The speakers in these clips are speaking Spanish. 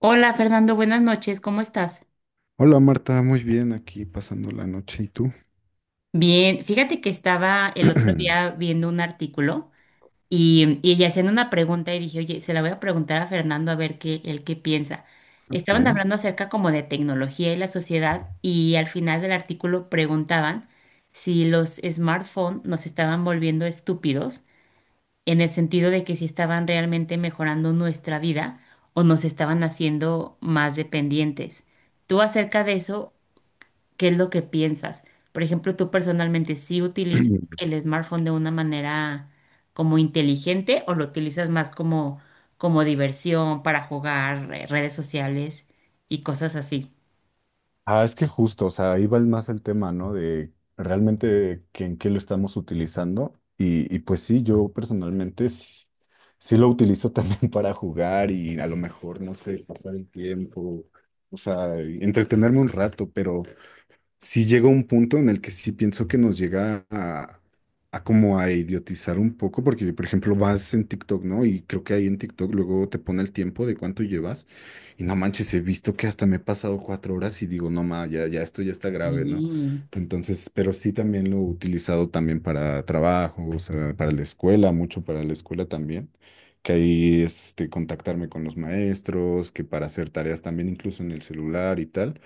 Hola Fernando, buenas noches, ¿cómo estás? Hola Marta, muy bien aquí pasando la noche. ¿Y tú? Bien, fíjate que estaba el otro día viendo un artículo y haciendo una pregunta y dije, oye, se la voy a preguntar a Fernando a ver qué, él qué piensa. Ok. Estaban hablando acerca como de tecnología y la sociedad y al final del artículo preguntaban si los smartphones nos estaban volviendo estúpidos en el sentido de que si estaban realmente mejorando nuestra vida o nos estaban haciendo más dependientes. ¿Tú acerca de eso? ¿Qué es lo que piensas? Por ejemplo, tú personalmente, ¿sí utilizas el smartphone de una manera como inteligente o lo utilizas más como diversión para jugar redes sociales y cosas así? Ah, es que justo, o sea, ahí va más el tema, ¿no? De realmente que, en qué lo estamos utilizando. Y pues sí, yo personalmente sí, lo utilizo también para jugar y a lo mejor, no sé, pasar el tiempo, o sea, entretenerme un rato, pero sí llega un punto en el que sí pienso que nos llega a como a idiotizar un poco, porque por ejemplo vas en TikTok, ¿no? Y creo que ahí en TikTok luego te pone el tiempo de cuánto llevas y no manches, he visto que hasta me he pasado 4 horas y digo, no ma, ya, ya esto ya está grave, ¿no? Sí, Entonces, pero sí también lo he utilizado también para trabajo, o sea, para la escuela, mucho para la escuela también. Que ahí este, contactarme con los maestros, que para hacer tareas también incluso en el celular y tal.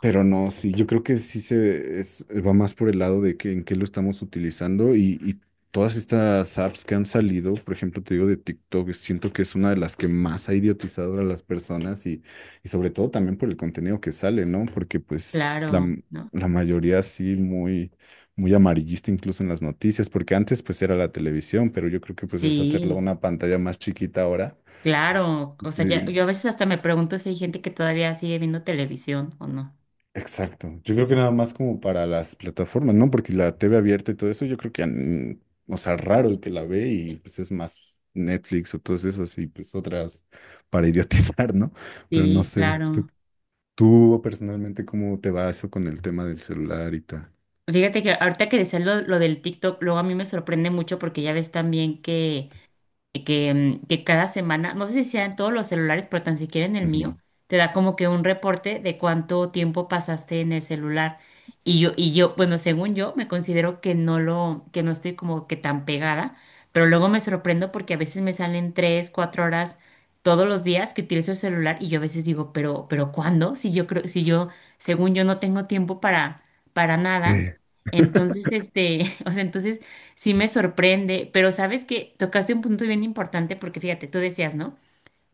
Pero no, sí, yo creo que sí se va más por el lado de que en qué lo estamos utilizando y todas estas apps que han salido, por ejemplo, te digo de TikTok, siento que es una de las que más ha idiotizado a las personas y sobre todo también por el contenido que sale, ¿no? Porque pues claro, ¿no? la mayoría sí muy, muy amarillista incluso en las noticias, porque antes pues era la televisión, pero yo creo que pues es hacerla Sí, una pantalla más chiquita ahora. claro. O sea, Sí, yo a veces hasta me pregunto si hay gente que todavía sigue viendo televisión o no. exacto. Yo creo que nada más como para las plataformas, ¿no? Porque la TV abierta y todo eso, yo creo que, o sea, raro el que la ve y pues es más Netflix o todas esas y pues otras para idiotizar, ¿no? Pero no Sí, sé, tú, claro. tú personalmente, ¿cómo te va eso con el tema del celular y tal? Fíjate que ahorita que decías lo del TikTok, luego a mí me sorprende mucho porque ya ves también que que cada semana, no sé si sea en todos los celulares, pero tan siquiera en el Ujú. mío, te da como que un reporte de cuánto tiempo pasaste en el celular. Bueno, según yo, me considero que no que no estoy como que tan pegada, pero luego me sorprendo porque a veces me salen tres, cuatro horas todos los días que utilizo el celular y yo a veces digo, pero ¿cuándo? Si yo, según yo, no tengo tiempo para Sí. nada. Entonces, o sea, entonces sí me sorprende, pero sabes que tocaste un punto bien importante porque fíjate, tú decías, ¿no?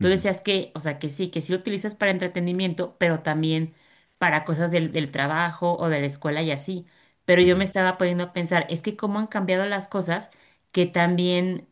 Tú decías que, o sea, que sí lo utilizas para entretenimiento, pero también para cosas del trabajo o de la escuela y así. Pero yo me Ya. estaba poniendo a pensar, es que cómo han cambiado las cosas, que también,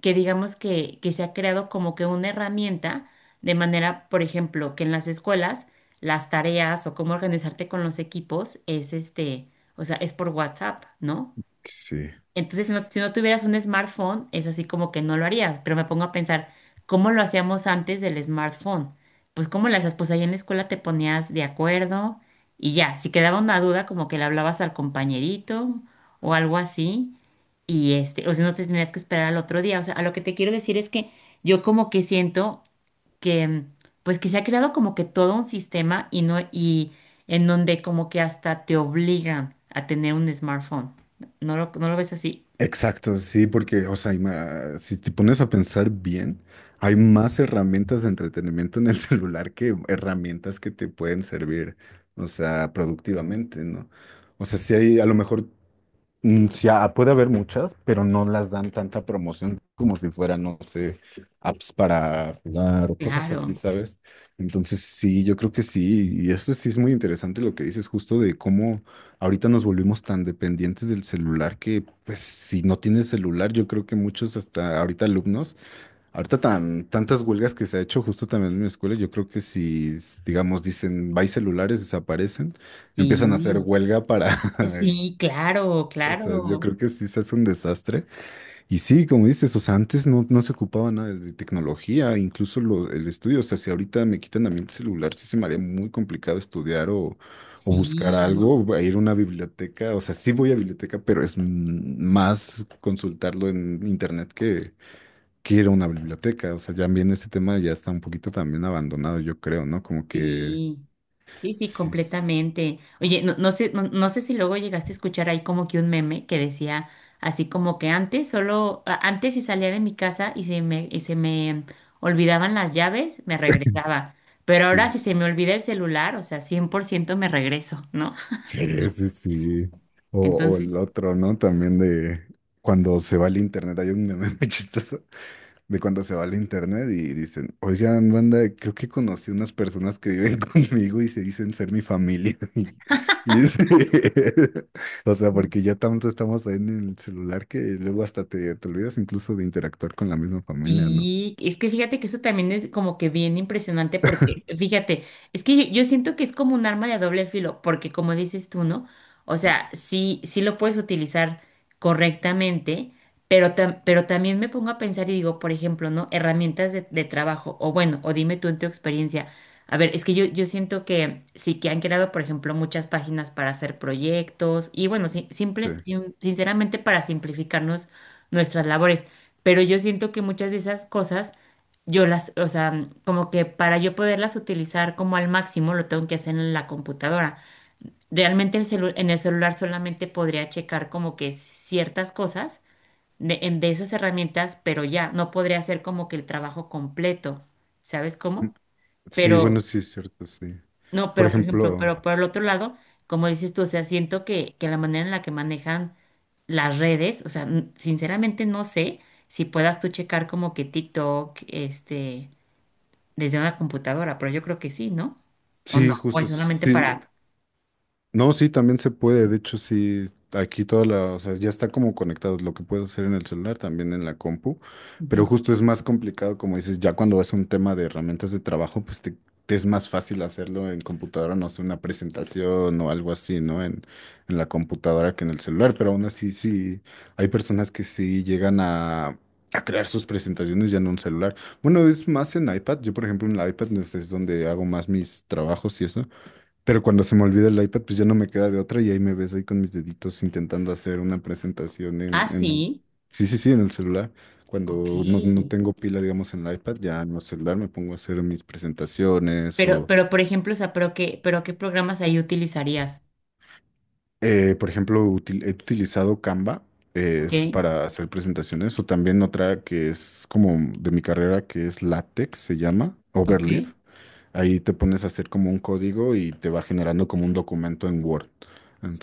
que digamos que se ha creado como que una herramienta de manera, por ejemplo, que en las escuelas las tareas o cómo organizarte con los equipos es o sea, es por WhatsApp, ¿no? Sí. Entonces, si no tuvieras un smartphone, es así como que no lo harías. Pero me pongo a pensar, ¿cómo lo hacíamos antes del smartphone? Pues, ¿cómo las hacías? Pues ahí en la escuela te ponías de acuerdo y ya. Si quedaba una duda, como que le hablabas al compañerito o algo así. Y o si no te tenías que esperar al otro día. O sea, a lo que te quiero decir es que yo como que siento que, mm, pues que se ha creado como que todo un sistema y no, y en donde como que hasta te obligan a tener un smartphone. No lo ves así? Exacto, sí, porque, o sea, si te pones a pensar bien, hay más herramientas de entretenimiento en el celular que herramientas que te pueden servir, o sea, productivamente, ¿no? O sea, si hay, a lo mejor. Sí, puede haber muchas, pero no las dan tanta promoción como si fueran, no sé, apps para jugar o cosas así, Claro, ¿sabes? Entonces, sí, yo creo que sí. Y eso sí es muy interesante lo que dices, justo de cómo ahorita nos volvimos tan dependientes del celular que, pues, si no tienes celular, yo creo que muchos, hasta ahorita alumnos, ahorita tantas huelgas que se ha hecho justo también en mi escuela, yo creo que si, digamos, dicen, bye celulares, desaparecen, empiezan a hacer sí, huelga para. sí, claro, O sea, yo claro, creo que sí se hace un desastre. Y sí, como dices, o sea, antes no, no se ocupaba nada de tecnología, incluso el estudio. O sea, si ahorita me quitan a mí el celular, sí se me haría muy complicado estudiar o buscar sí, algo, ¿no? o ir a una biblioteca. O sea, sí voy a biblioteca, pero es más consultarlo en internet que ir a una biblioteca. O sea, ya también ese tema ya está un poquito también abandonado, yo creo, ¿no? Como que Sí, sí, sí, sí. completamente. Oye, no sé si luego llegaste a escuchar ahí como que un meme que decía así como que antes, antes si salía de mi casa y y se me olvidaban las llaves, me regresaba. Pero Sí. ahora si se me olvida el celular, o sea, 100% me regreso, ¿no? Sí, sí, sí. O Entonces, el otro, ¿no? También de cuando se va el internet. Hay un meme muy chistoso de cuando se va el internet y dicen, oigan, banda, creo que conocí unas personas que viven conmigo y se dicen ser mi familia. Y y O sea, porque ya tanto estamos ahí en el celular que luego hasta te olvidas incluso de interactuar con la misma familia, ¿no? sí, es que fíjate que eso también es como que bien impresionante porque, fíjate, es que yo siento que es como un arma de doble filo, porque como dices tú, ¿no? O sea, sí lo puedes utilizar correctamente, pero, pero también me pongo a pensar y digo, por ejemplo, ¿no? Herramientas de trabajo, o bueno, o dime tú en tu experiencia. A ver, es que yo siento que sí que han creado, por ejemplo, muchas páginas para hacer proyectos y bueno, sí, Sí. simple, sin- sinceramente para simplificarnos nuestras labores. Pero yo siento que muchas de esas cosas, yo o sea, como que para yo poderlas utilizar como al máximo, lo tengo que hacer en la computadora. Realmente en el celular solamente podría checar como que ciertas cosas de esas herramientas, pero ya, no podría hacer como que el trabajo completo, ¿sabes Mm, cómo? Sí, bueno, Pero, sí, es cierto, sí. no, Por pero por ejemplo, ejemplo, pero por el otro lado, como dices tú, o sea, siento que la manera en la que manejan las redes, o sea, sinceramente no sé si puedas tú checar como que TikTok, desde una computadora, pero yo creo que sí, ¿no? O no, sí, o justo, es sí. solamente para... No, sí, también se puede. De hecho, sí, aquí toda la, o sea, ya está como conectado lo que puedes hacer en el celular, también en la compu. Ujú. Pero justo es más complicado, como dices, ya cuando vas a un tema de herramientas de trabajo, pues te es más fácil hacerlo en computadora, no sé, una presentación o algo así, ¿no? En la computadora que en el celular. Pero aún así, sí, hay personas que sí llegan a crear sus presentaciones ya en un celular. Bueno, es más en iPad. Yo, por ejemplo, en la iPad pues, es donde hago más mis trabajos y eso. Pero cuando se me olvida el iPad, pues ya no me queda de otra y ahí me ves ahí con mis deditos intentando hacer una presentación Ah, en... sí, Sí, sí, sí, en el celular. ok. Cuando no, no tengo pila, digamos, en el iPad, ya en el celular me pongo a hacer mis presentaciones o, Pero por ejemplo, o sea, pero qué programas ahí utilizarías, por ejemplo, he utilizado Canva, ¿ok? es para hacer presentaciones o también otra que es como de mi carrera, que es LaTeX, se llama, ¿Ok? Overleaf. Ahí te pones a hacer como un código y te va generando como un documento en Word.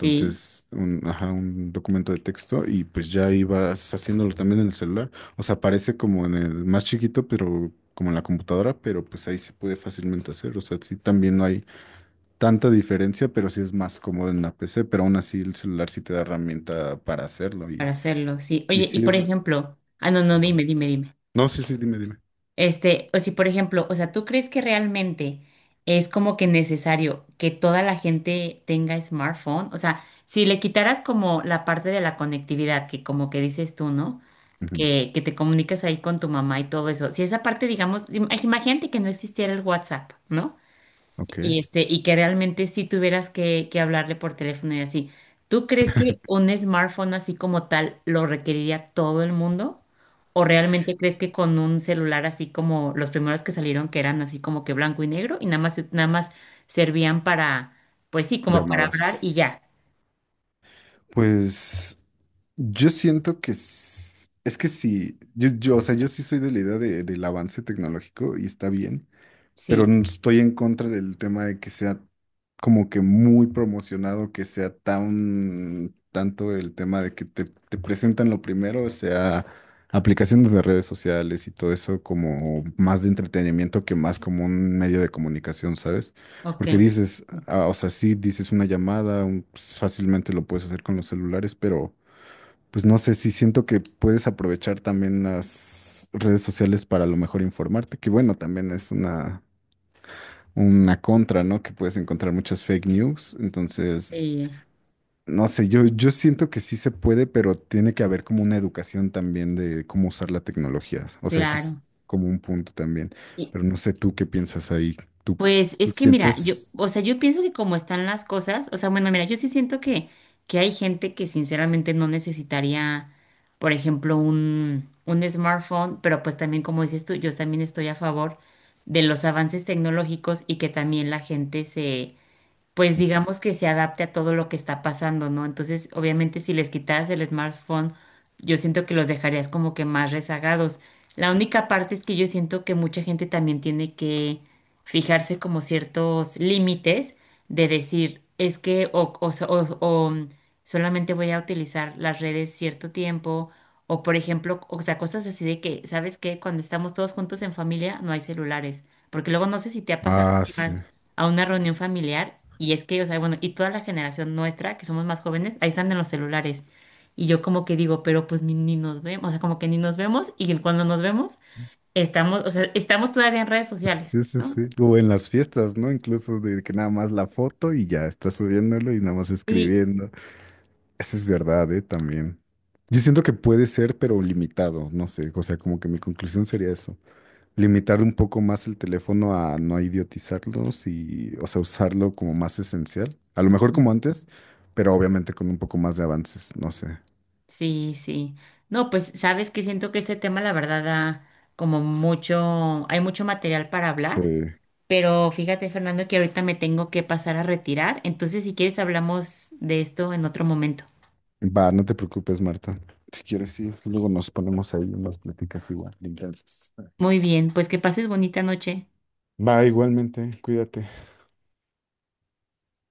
Sí, un, ajá, un documento de texto y pues ya ahí vas haciéndolo también en el celular. O sea, parece como en el más chiquito, pero como en la computadora, pero pues ahí se puede fácilmente hacer. O sea, sí, también no hay tanta diferencia, pero sí es más cómodo en la PC, pero aún así el celular sí te da herramienta para hacerlo para hacerlo, sí. y Oye, y sí es por lo... ejemplo, ah, no, no, Ajá. dime, dime, dime. No, sí, sí, dime, dime. O si por ejemplo, o sea, ¿tú crees que realmente es como que necesario que toda la gente tenga smartphone? O sea, si le quitaras como la parte de la conectividad, que como que dices tú, ¿no? Ujú. Que te comunicas ahí con tu mamá y todo eso. Si esa parte, digamos, imagínate que no existiera el WhatsApp, ¿no? Ok. Y, y que realmente si tuvieras que hablarle por teléfono y así. ¿Tú crees que un smartphone así como tal lo requeriría todo el mundo? ¿O realmente crees que con un celular así como los primeros que salieron que eran así como que blanco y negro y nada más, nada más servían para, pues sí, como para hablar Llamadas. y ya? Pues yo siento que es, que sí, o sea, yo sí soy de la idea del avance tecnológico y está bien, pero Sí, estoy en contra del tema de que sea como que muy promocionado, que sea tan tanto el tema de que te presentan lo primero, o sea, aplicaciones de redes sociales y todo eso como más de entretenimiento que más como un medio de comunicación, ¿sabes? ok. Porque dices, ah, o sea, sí, dices una llamada, pues, fácilmente lo puedes hacer con los celulares, pero pues no sé si siento que puedes aprovechar también las redes sociales para a lo mejor informarte, que bueno, también es una contra, ¿no? Que puedes encontrar muchas fake news. Entonces, Eh, no sé, yo siento que sí se puede, pero tiene que haber como una educación también de cómo usar la tecnología. O sea, ese es claro. como un punto también. Y- Pero no sé tú qué piensas ahí. ¿Tú, pues es tú que mira, yo, sientes? o sea, yo pienso que como están las cosas, o sea, bueno, mira, yo sí siento que hay gente que sinceramente no necesitaría, por ejemplo, un smartphone, pero pues también como dices tú, yo también estoy a favor de los avances tecnológicos y que también la gente se pues digamos que se adapte a todo lo que está pasando, ¿no? Entonces, obviamente, si les quitaras el smartphone, yo siento que los dejarías como que más rezagados. La única parte es que yo siento que mucha gente también tiene que fijarse como ciertos límites de decir, es que o so- o, mm, solamente voy a utilizar las redes cierto tiempo, o por ejemplo, o sea, cosas así de que, ¿sabes qué? Cuando estamos todos juntos en familia, no hay celulares, porque luego no sé si te ha pasado Ah, sí. a una reunión familiar y es que, o sea, bueno, y toda la generación nuestra, que somos más jóvenes, ahí están en los celulares. Y yo como que digo, pero pues ni nos vemos, o sea, como que ni nos vemos y cuando nos vemos, o sea, estamos todavía en redes sociales, Sí, sí, sí. ¿no? O en las fiestas, ¿no? Incluso de que nada más la foto y ya está subiéndolo y nada más Sí. escribiendo. Eso es verdad, ¿eh? También. Yo siento que puede ser, pero limitado, no sé. O sea, como que mi conclusión sería eso. Limitar un poco más el teléfono a no idiotizarlos y, o sea, usarlo como más esencial. A lo mejor como Ujú. antes, pero obviamente con un poco más de avances, no sé. Sí, sí. No, pues sabes que siento que este tema, la verdad, da como mucho, hay mucho material para hablar. Este, Pero fíjate, Fernando, que ahorita me tengo que pasar a retirar. Entonces, si quieres, hablamos de esto en otro momento. va, no te preocupes, Marta. Si quieres, sí, luego nos ponemos ahí unas pláticas igual, de intensas. Muy bien, pues que pases bonita noche. Va, igualmente, cuídate.